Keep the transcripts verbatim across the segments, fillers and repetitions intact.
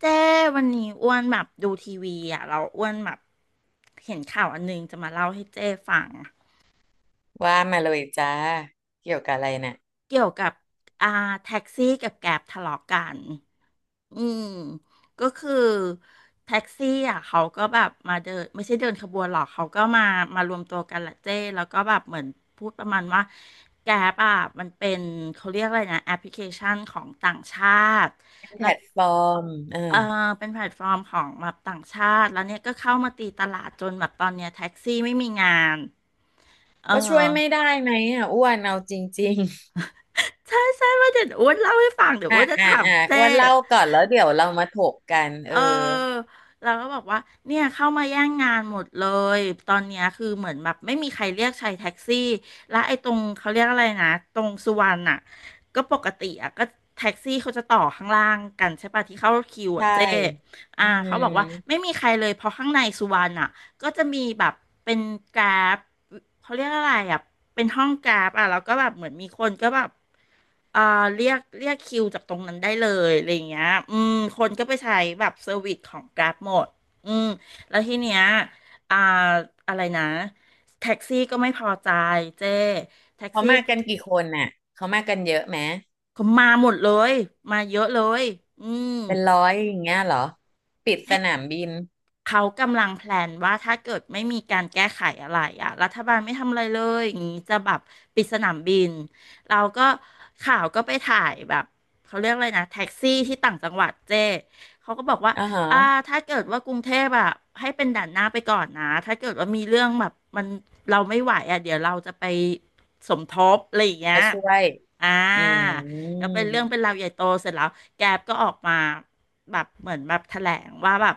เจ้ วันนี้อ้วนแบบดูทีวีอ่ะ เราอ้วนแบบเห็นข่าวอันนึงจะมาเล่าให้เจ้ฟัง ว่ามาเลยจ้าเกี่ยวกับอะไรเนี่ยเกี่ยวกับอ่าแท็กซี่กับแกร็บทะเลาะกันอืมก็คือแท็กซี่อ่ะเขาก็แบบมาเดินไม่ใช่เดินขบวนหรอกเขาก็มามารวมตัวกันแหละเจ้แล้วก็แบบเหมือนพูดประมาณว่าแกร็บอ่ะมันเป็นเขาเรียกอะไรนะแอปพลิเคชันของต่างชาติแพแล้วลตฟอร์มเออเออเป็นแพลตฟอร์มของแบบต่างชาติแล้วเนี่ยก็เข้ามาตีตลาดจนแบบตอนเนี้ยแท็กซี่ไม่มีงานเออ ก็ช่วยไม่ได้ไหมอ่ะอ้วนเอาจริงใช่ใช่ว่าเดี๋ยวอ้วนเล่าให้ฟังเดี๋ยๆวอ้วอ่ะนจะอ่ะถามอ่ะเจ้อ้วนเล่าก่อนแล้วเดี๋ยวเรามาถกกันเอเอออเราก็บอกว่าเนี่ยเข้ามาแย่งงานหมดเลยตอนเนี้ยคือเหมือนแบบไม่มีใครเรียกใช้แท็กซี่และไอ้ตรงเขาเรียกอะไรนะตรงสุวรรณอ่ะก็ปกติอ่ะก็แท็กซี่เขาจะต่อข้างล่างกันใช่ปะที่เข้าคิวอ่ะใช่เจ้อ่าอืมเขาบอกว่าไม่มีใครเลยเพราะข้างในสุวรรณอ่ะ ก็จะมีแบบเป็นกราฟเขาเรียกอะไรอ่ะเป็นห้องกราฟอ่ะแล้วก็แบบเหมือนมีคนก็แบบเอ่อเรียกเรียกคิวจากตรงนั้นได้เลยอะไรอย่างเงี้ยอืมคนก็ไปใช้แบบเซอร์วิสของกราฟหมดอืมแล้วทีเนี้ยอ่าอะไรนะแท็กซี่ก็ไม่พอใจเจ้แท็กเขาซี่มากันกี่คนน่ะเขามากันเยอะไหมก็มาหมดเลยมาเยอะเลยอืม เป็นร้อยอย่างเงี้ยเหรอปิดสนามบินเขากำลังแพลนว่าถ้าเกิดไม่มีการแก้ไขอะไรอ่ะรัฐบาลไม่ทำอะไรเลยอย่างนี้จะแบบปิดสนามบินเราก็ข่าวก็ไปถ่ายแบบเขาเรียกอะไรนะแท็กซี่ที่ต่างจังหวัดเจ้เขาก็บอกว่าอ่าฮะอ่าถ้าเกิดว่ากรุงเทพอ่ะให้เป็นด่านหน้าไปก่อนนะถ้าเกิดว่ามีเรื่องแบบมันเราไม่ไหวอ่ะเดี๋ยวเราจะไปสมทบอะไรอย่างเงี้ยมาช่วยอ่าอืแล้วมเป็นเรื่องเป็นราวใหญ่โตเสร็จแล้วแกร็บก็ออกมาแบบเหมือนแบบแถลงว่าแบบ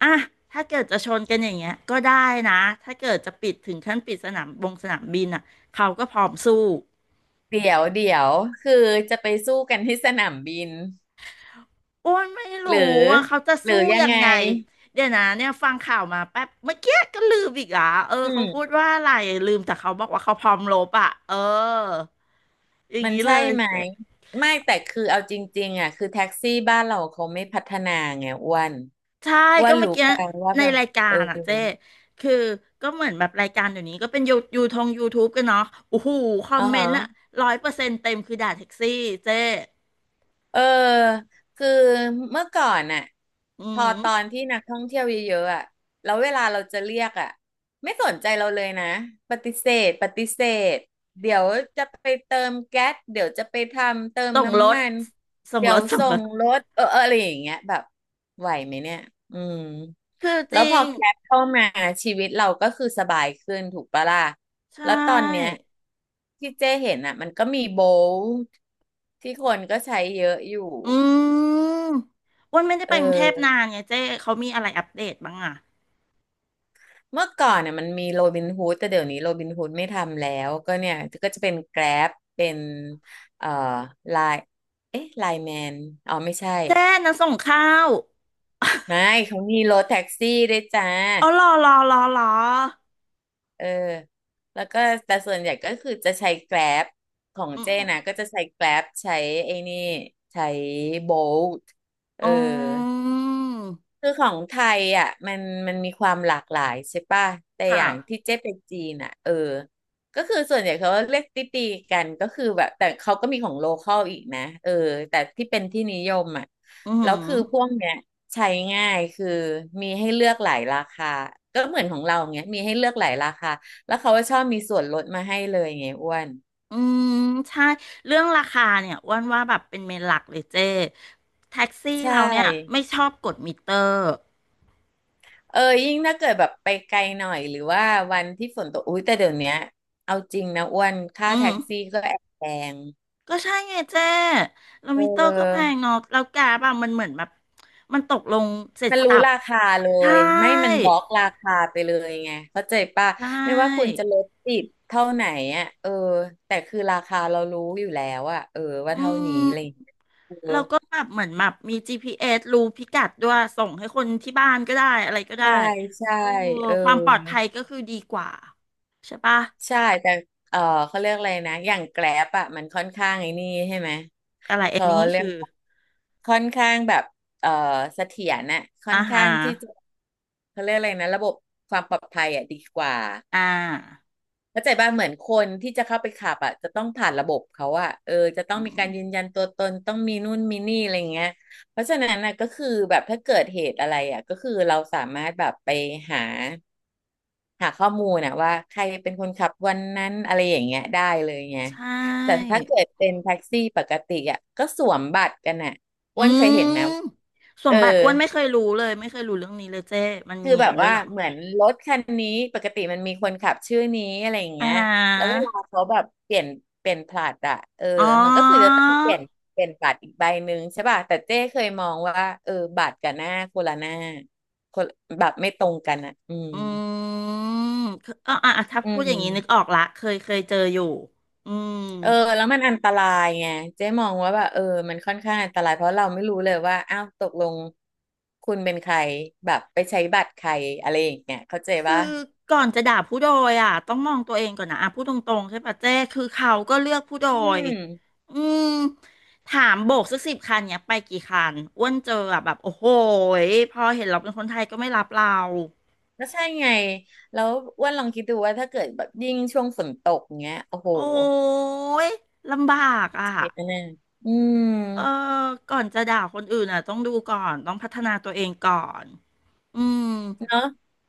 อ่ะถ้าเกิดจะชนกันอย่างเงี้ยก็ได้นะถ้าเกิดจะปิดถึงขั้นปิดสนามบงสนามบินอ่ะเขาก็พร้อมสู้เดี๋ยวเดี๋ยวคือจะไปสู้กันที่สนามบินอ้วนไม่หรือรู้ว่าเขาจะหรือสู้ยังยังไงไงเดี๋ยวนะเนี่ยฟังข่าวมาแป๊บเมื่อกี้ก็ลืมอีกอ่ะเอออืเขาพูดม ว่าอะไร ลืมแต่เขาบอกว่าเขาพร้อมรบอ่ะเอออย่างมันนี้เลใช่ยไหมเจ๊ไม่แต่คือเอาจริงๆอ่ะคือแท็กซี่บ้านเราเขาไม่พัฒนาไงอ้วนใช่ อ้วก็นเมื่อรู้กี้ปังว่าในแบบรายกาเออรอ่ะเจ๊คือก็เหมือนแบบรายการเดี๋ยวนี้ก็เป็นยูยูทงยูทูบกันเนาะโอ้โหคออ๋มอเมนต์อ่ะฮะ ร้อยเปอร์เซ็นต์เต็มคือด่าแท็กซี่เจ๊ เออคือเมื่อก่อนน่ะอืพอมตอนที่นักท่องเที่ยวเยอะๆอ่ะแล้วเวลาเราจะเรียกอ่ะไม่สนใจเราเลยนะปฏิเสธปฏิเสธเดี๋ยวจะไปเติมแก๊สเดี๋ยวจะไปทำเติมส่งรน้ำถมันส่งเดี๋รยวถส่งส่รงถรถเออเอออะไรอย่างเงี้ยแบบไหวไหมเนี่ยอืมคือจแล้วริพองแก๊สเข้ามาชีวิตเราก็คือสบายขึ้นถูกปะล่ะ ใชแล้วตอนเนี้ย่ที่เจ้เห็นอ่ะมันก็มีโบลต์ที่คนก็ใช้เยอะอยู่อืมอ้วันไม่ได้เไปกรุงเทพนาออนไงเจ๊เขามีอะไรอัปเดตบ้างอ่ะเมื่อก่อนเนี่ยมันมีโรบินฮูดแต่เดี๋ยวนี้โรบินฮูดไม่ทำแล้วก็เนี่ยก็จะเป็นแกร็บเป็นเอ่อไลน์เอ๊ะไลน์แมนอ๋อไม่ใช่เจ๊นะส่งข้าว ไม่เขามีรถแท็กซี่ด้วยจ้าอ๋อรอรอรอรอเออแล้วก็แต่ส่วนใหญ่ก็คือจะใช้แกร็บของอืมเจ้นะก็จะใช้แกร็บใช้ไอ้นี่ใช้โบลต์เออือ มคือของไทยอ่ะมันมันมีความหลากหลายใช่ป่ะแต่คอย่างที่่ะเจ๊ไปจีนอ่ะเออก็คือส่วนใหญ่เขาเรียกตีตีกันก็คือแบบแต่เขาก็มีของโลคอลอีกนะเออแต่ที่เป็นที่นิยมอ่ะอืแล้มวคือพวกเนี้ยใช้ง่ายคือมีให้เลือกหลายราคาก็เหมือนของเราเงี้ยมีให้เลือกหลายราคาแล้วเขาก็ชอบมีส่วนลดมาให้เลยไงอ้วนอืมใช่เรื่องราคาเนี่ยอ้วนว่าแบบเป็นเมนหลักเลยเจ้แท็กซี่ใชเราเนี่ยไม่่ ชอบกดมิเตอร์เออยิ่งถ้าเกิดแบบไปไกลหน่อยหรือว่าวันที่ฝนตกอุ้ยแต่เดี๋ยวเนี้ยเอาจริงนะอ้วนค่าอืม แท็กซี่ก็แอบแพงก็ใช่ไงเจ้แล้วเมิเตอร์ก็แพอองเนาะแล้วแกบางมันเหมือนแบบมันตกลงเสร็จมันสรู้รรพราคาเลใช่ยไม่มันบล็อกราคาไปเลยไงเข้าใจป่ะใชไม่ว่าคุณ่จะลดติดเท่าไหนอ่ะเออแต่คือราคาเรารู้อยู่แล้วอ่ะเออว่าอืเท่านี้มอะไรอย่างเลยเออแล้วก็แบบเหมือนแบบมี จี พี เอส รู้พิกัดด้วยส่งให้คนที่บ้านก็ได้อะไรก็ได้ใช่ใช่โอ้เออ ความปลอดภัยก็คือดีกว่าใช่ปะใช่แต่เออเขาเรียกอะไรนะอย่างแกร็บอะมันค่อนข้างไอ้นี่ใช่ไหมอะไรอันเขานี้เรียคือกค่อนข้างแบบเออเสถียรน่ะค่ออานหาข้างรที่จะเขาเรียกอะไรนะระบบความปลอดภัยอะดีกว่าอ่าเข้าใจป่ะเหมือนคนที่จะเข้าไปขับอะจะต้องผ่านระบบเขาอะเออจะต้ออืงมีมการยืนยันตัวตนต้องมีนู่นมีนี่อะไรเงี้ยเพราะฉะนั้นนะก็คือแบบถ้าเกิดเหตุอะไรอะก็คือเราสามารถแบบไปหา หาข้อมูลนะว่าใครเป็นคนขับวันนั้นอะไรอย่างเงี้ยได้เลยไงใชแต่่ถ้าเกิดเป็นแท็กซี่ปกติอ่ะก็สวมบัตรกันอ่ะอือ้วนเคยเห็นไหมมสเอมอบัติอ้วนไม่เคยรู้เลยไม่เคยรู้เรื่องนี้เลยเจ้มันคืมีออย่าแบงบนั้นด้วว่ายเหรอ เหมือนรถคันนี้ปกติมันมีคนขับชื่อนี้อะไรอย่างอ่เงี้ยแล้วาเวลาเขาแบบเปลี่ยนเปลี่ยนผลัดอ่ะเอออ๋มันก็คือจะอต้องเปลี่ยนเปลี่ยนบัตรอีกใบหนึ่งใช่ป่ะแต่เจ้เคยมองว่าเออบัตรกับหน้าคนละหน้าคนแบบไม่ตรงกันอ่ะอืมอืมคืออ๋ออ่ะอ่ะถ้าอืพูดอย่างนี้นึกออม กละเคยเคยเจออยู่อืมเออแล้วมันอันตรายไงเจ๊มองว่าแบบเออมันค่อนข้างอันตรายเพราะเราไม่รู้เลยว่าอ้าวตกลงคุณเป็นใครแบบไปใช้บัตรใครอะไรอย่างเงี้ยเข้าใจคือปะก่อนจะด่าผู้โดยอ่ะต้องมองตัวเองก่อนนะอ่ะพูดตรงๆใช่ปะเจ้คือเขาก็เลือกผู้โดอืยมอืมถามโบกสักสิบคันเนี่ยไปกี่คันอ้วนเจออ่ะแบบโอ้โหยพอเห็นเราเป็นคนไทยก็ไม่รับเราก็ใช่ไงแล้วอ้ว่าลองคิดดูว่าถ้าเกิดแบบยิ่งช่วงฝนตกเงี้ยโอ้โหโอ้ยลำบากอ่ะ เสียแน่อืมเออก่อนจะด่าคนอื่นอ่ะต้องดูก่อนต้องพัฒนาตัวเองก่อนอืมเนาะ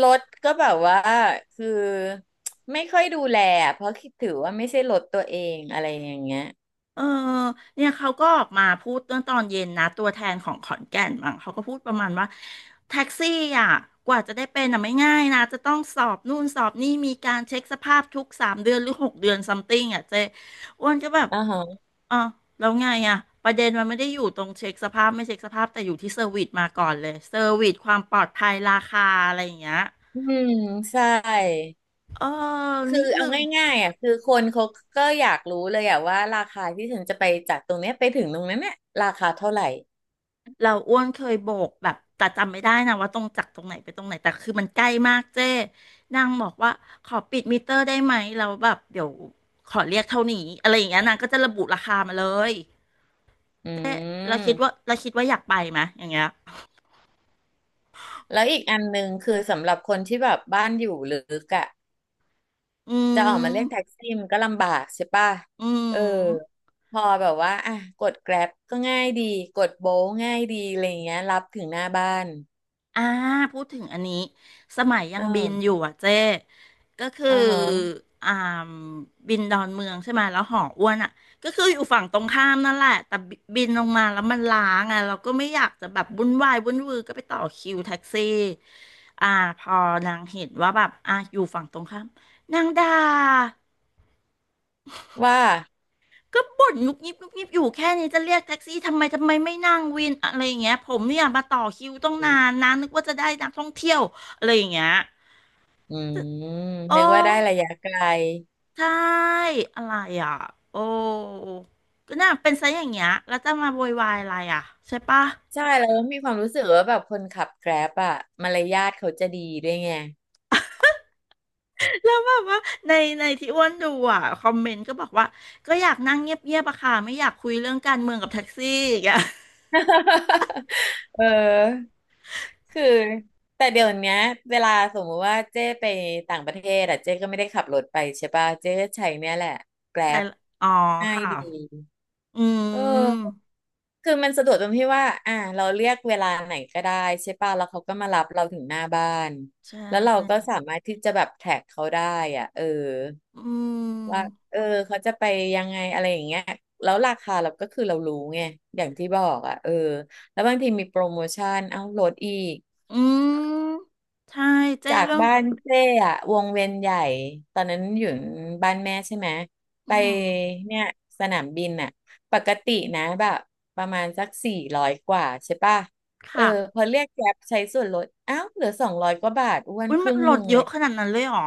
รถก็แบบว่าคือไม่ค่อยดูแลอะเพราะคิดถือว่าไม่ใช่รถตัวเองอะไรอย่างเงี้ยเออเนี่ยเขาก็ออกมาพูดเมื่อตอนเย็นนะตัวแทนของขอนแก่นมั้งเขาก็พูดประมาณว่าแท็กซี่อ่ะกว่าจะได้เป็นอ่ะไม่ง่ายนะจะต้องสอบนู่นสอบนี่มีการเช็คสภาพทุกสามเดือนหรือหกเดือนซัมติงอ่ะเจ๊อ้วนก็แบบอ๋อฮะอ่ะแล้วไงอ่ะประเด็นมันไม่ได้อยู่ตรงเช็คสภาพไม่เช็คสภาพแต่อยู่ที่เซอร์วิสมาก่อนเลยเซอร์วิสความปลอดภัยราคาอะไรอย่างเงี้ยอืมใช่ เออคืนี่อเอาคือ ง่ายๆอ่ะคือคนเขาก็อยากรู้เลยอ่ะว่าราคาที่ฉันจะไปจากตรงเนี้ยไปถึงตรงนั้นเนี่ยราคาเท่าไหร่ เราอ้วนเคยโบกแบบแต่จำไม่ได้นะว่าตรงจากตรงไหนไปตรงไหนแต่คือมันใกล้มากเจ้นางบอกว่าขอปิดมิเตอร์ได้ไหมเราแล้วแบบเดี๋ยวขอเรียกเท่านี้อะไรอย่างเงี้ยนางก็จะระบุราคามาเลยอืเจ้เราคิดว่ามเราคิดว่าอยากไปไหมอย่างเงี้ยแล้วอีกอันหนึ่งคือสำหรับคนที่แบบบ้านอยู่ลึกอ่ะอืจะออกมาเรียกแท็มกซี่มันก็ลำบากใช่ป่ะอืเออม พอแบบว่าอ่ะกด Grab ก็ง่ายดีกดโบง่ายดีอะไรเงี้ยรับถึงหน้าบ้านอ่าพูดถึงอันนี้สมัยยัเองบินอยู่ออ่ะเจ๊ก็คืออ่าฮะอ่าบินดอนเมืองใช่ไหมแล้วหออ้วนอ่ะก็คืออยู่ฝั่งตรงข้ามนั่นแหละแต่บิบินลงมาแล้วมันล้างอ่ะเราก็ไม่อยากจะแบบวุ่นวายวุ่นวือก็ไปต่อคิวแท็กซี่อ่าพอนางเห็นว่าแบบอ่ะอยู่ฝั่งตรงข้ามนางด่าว่า ก็บ่นงุบงิบงุบงิบอยู่แค่นี้จะเรียกแท็กซี่ทำไมทำไมไม่นั่งวินอะไรอย่างเงี้ยผมเนี่ยมาต่อคิวต้องนานนะนึกว่าจะได้นักท่องเที่ยวอะไรอย่างเงี้ย อืมโอ้นึกว่าได้ระยะไกล ใช่อะไรอ่ะโอ้ก็น่าเป็นซะอย่างเงี้ยแล้วจะมาโวยวายอะไรอ่ะใช่ปะใช่แล้วมีความรู้สึกว่าแบบคนขับแกร็บอะมารยาทเขาจะดีด้วยไง แล้วแบบว่าในในที่อ้วนดูอ่ะคอมเมนต์ก็บอกว่าก็อยากนั่งเงียบๆอะค่ะไม่อยากคุยเรื่องการเมืองกับแท็กซี่อย่างเงี้ย เออคือแต่เดี๋ยวเนี้ยเวลาสมมุติว่าเจ้ไปต่างประเทศอะเจ้ก็ไม่ได้ขับรถไปใช่ป่ะเจ้ก็ใช้เนี่ยแหละแกร็ใช่บละอ๋อง่ายค่ะดี อืเออมคือมันสะดวกตรงที่ว่าอ่าเราเรียกเวลาไหนก็ได้ใช่ป่ะแล้วเขาก็มารับเราถึงหน้าบ้านใชแล้วเราก็่สามารถที่จะแบบแท็กเขาได้อ่ะเอออืว่ามเออเขาจะไปยังไงอะไรอย่างเงี้ยแล้วราคาเราก็คือเรารู้ไงอย่างที่บอกอ่ะเออแล้วบางทีมีโปรโมชั่นเอ้าลดอีก อืมใช่เจ้จากเรื่องบ้านเจ้อะวงเวียนใหญ่ตอนนั้นอยู่บ้านแม่ใช่ไหมอืไปมเนี่ยสนามบินอะปกตินะแบบประมาณสักสี่ร้อยกว่าใช่ป่ะเออค่ะพอเรียกแกร็บใช้ส่วนลดอ้าวเหลือสองร้อยกว่าบาทอ้วนอุ้ยคมัรึ่นงลหนึ่ดงเยเลยอะขนาดนั้นเลยเหรอ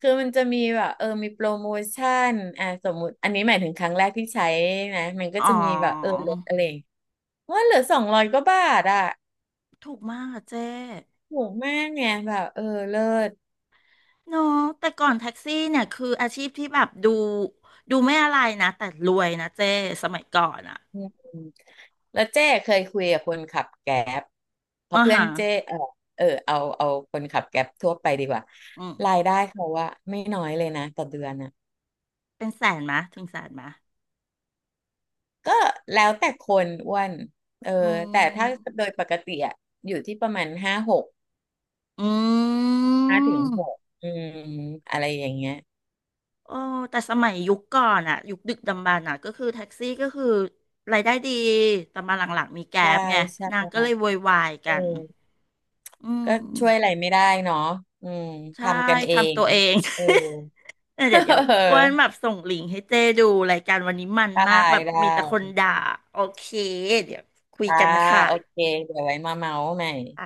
คือมันจะมีแบบเออมีโปรโมชั่นอ่ะสมมุติอันนี้หมายถึงครั้งแรกที่ใช้นะมันก็อ๋อจะมีแบบเออลดอะไรอย่างเงี้ยว่าเหลือสองร้อยกว่าบาทอะถูกมากอะเจ้ ถูกมากไงแบบเออเลิศ เนาะแต่ก่อนแท็กซี่เนี่ยคืออาชีพที่แบบดูดูไม่อะไรนะแต่รวยนะเจ้สมัยก่อนอ่ะอืมแล้วเจ้เคยคุยกับคนขับแก๊บเพอ่าราะเพื่อฮะนเจ้เออเออเอาเอาคนขับแก๊บทั่วไปดีกว่าอืมรายได้เขาว่าไม่น้อยเลยนะต่อเดือนอ่ะเป็นแสนมะถึงแสนมะก็แล้วแต่คนอ้วนเอออืแต่ถ้ามโดยปกติอะอยู่ที่ประมาณห้าหกอืห้าถึงมหกอืมอะไรอย่างเงี้ยโอ้แต่สมัยยุคก่อนอ่ะยุคดึกดำบรรพ์อ่ะก็คือแท็กซี่ก็คือรายได้ดีแต่มาหลังๆมีแก๊ใช่ปไงใช่นางก็เลยโวยวายเอกันออืมก็ช่วยอะไรไม่ได้เนาะอืมใช่ทำกันเอทำงตัวเอง เออ เออเดี๋ยวเดี๋ยวอ้ว นแบบส่งลิงก์ให้เจ้ดูรายการวันนี้มันได้มากแบบได้ มีแต่คนด่าโอเคเดี๋ยวคุยจ้ากันนะคะโอเคเดี๋ยวไว้มาเมาส์ใหม่อ่ะ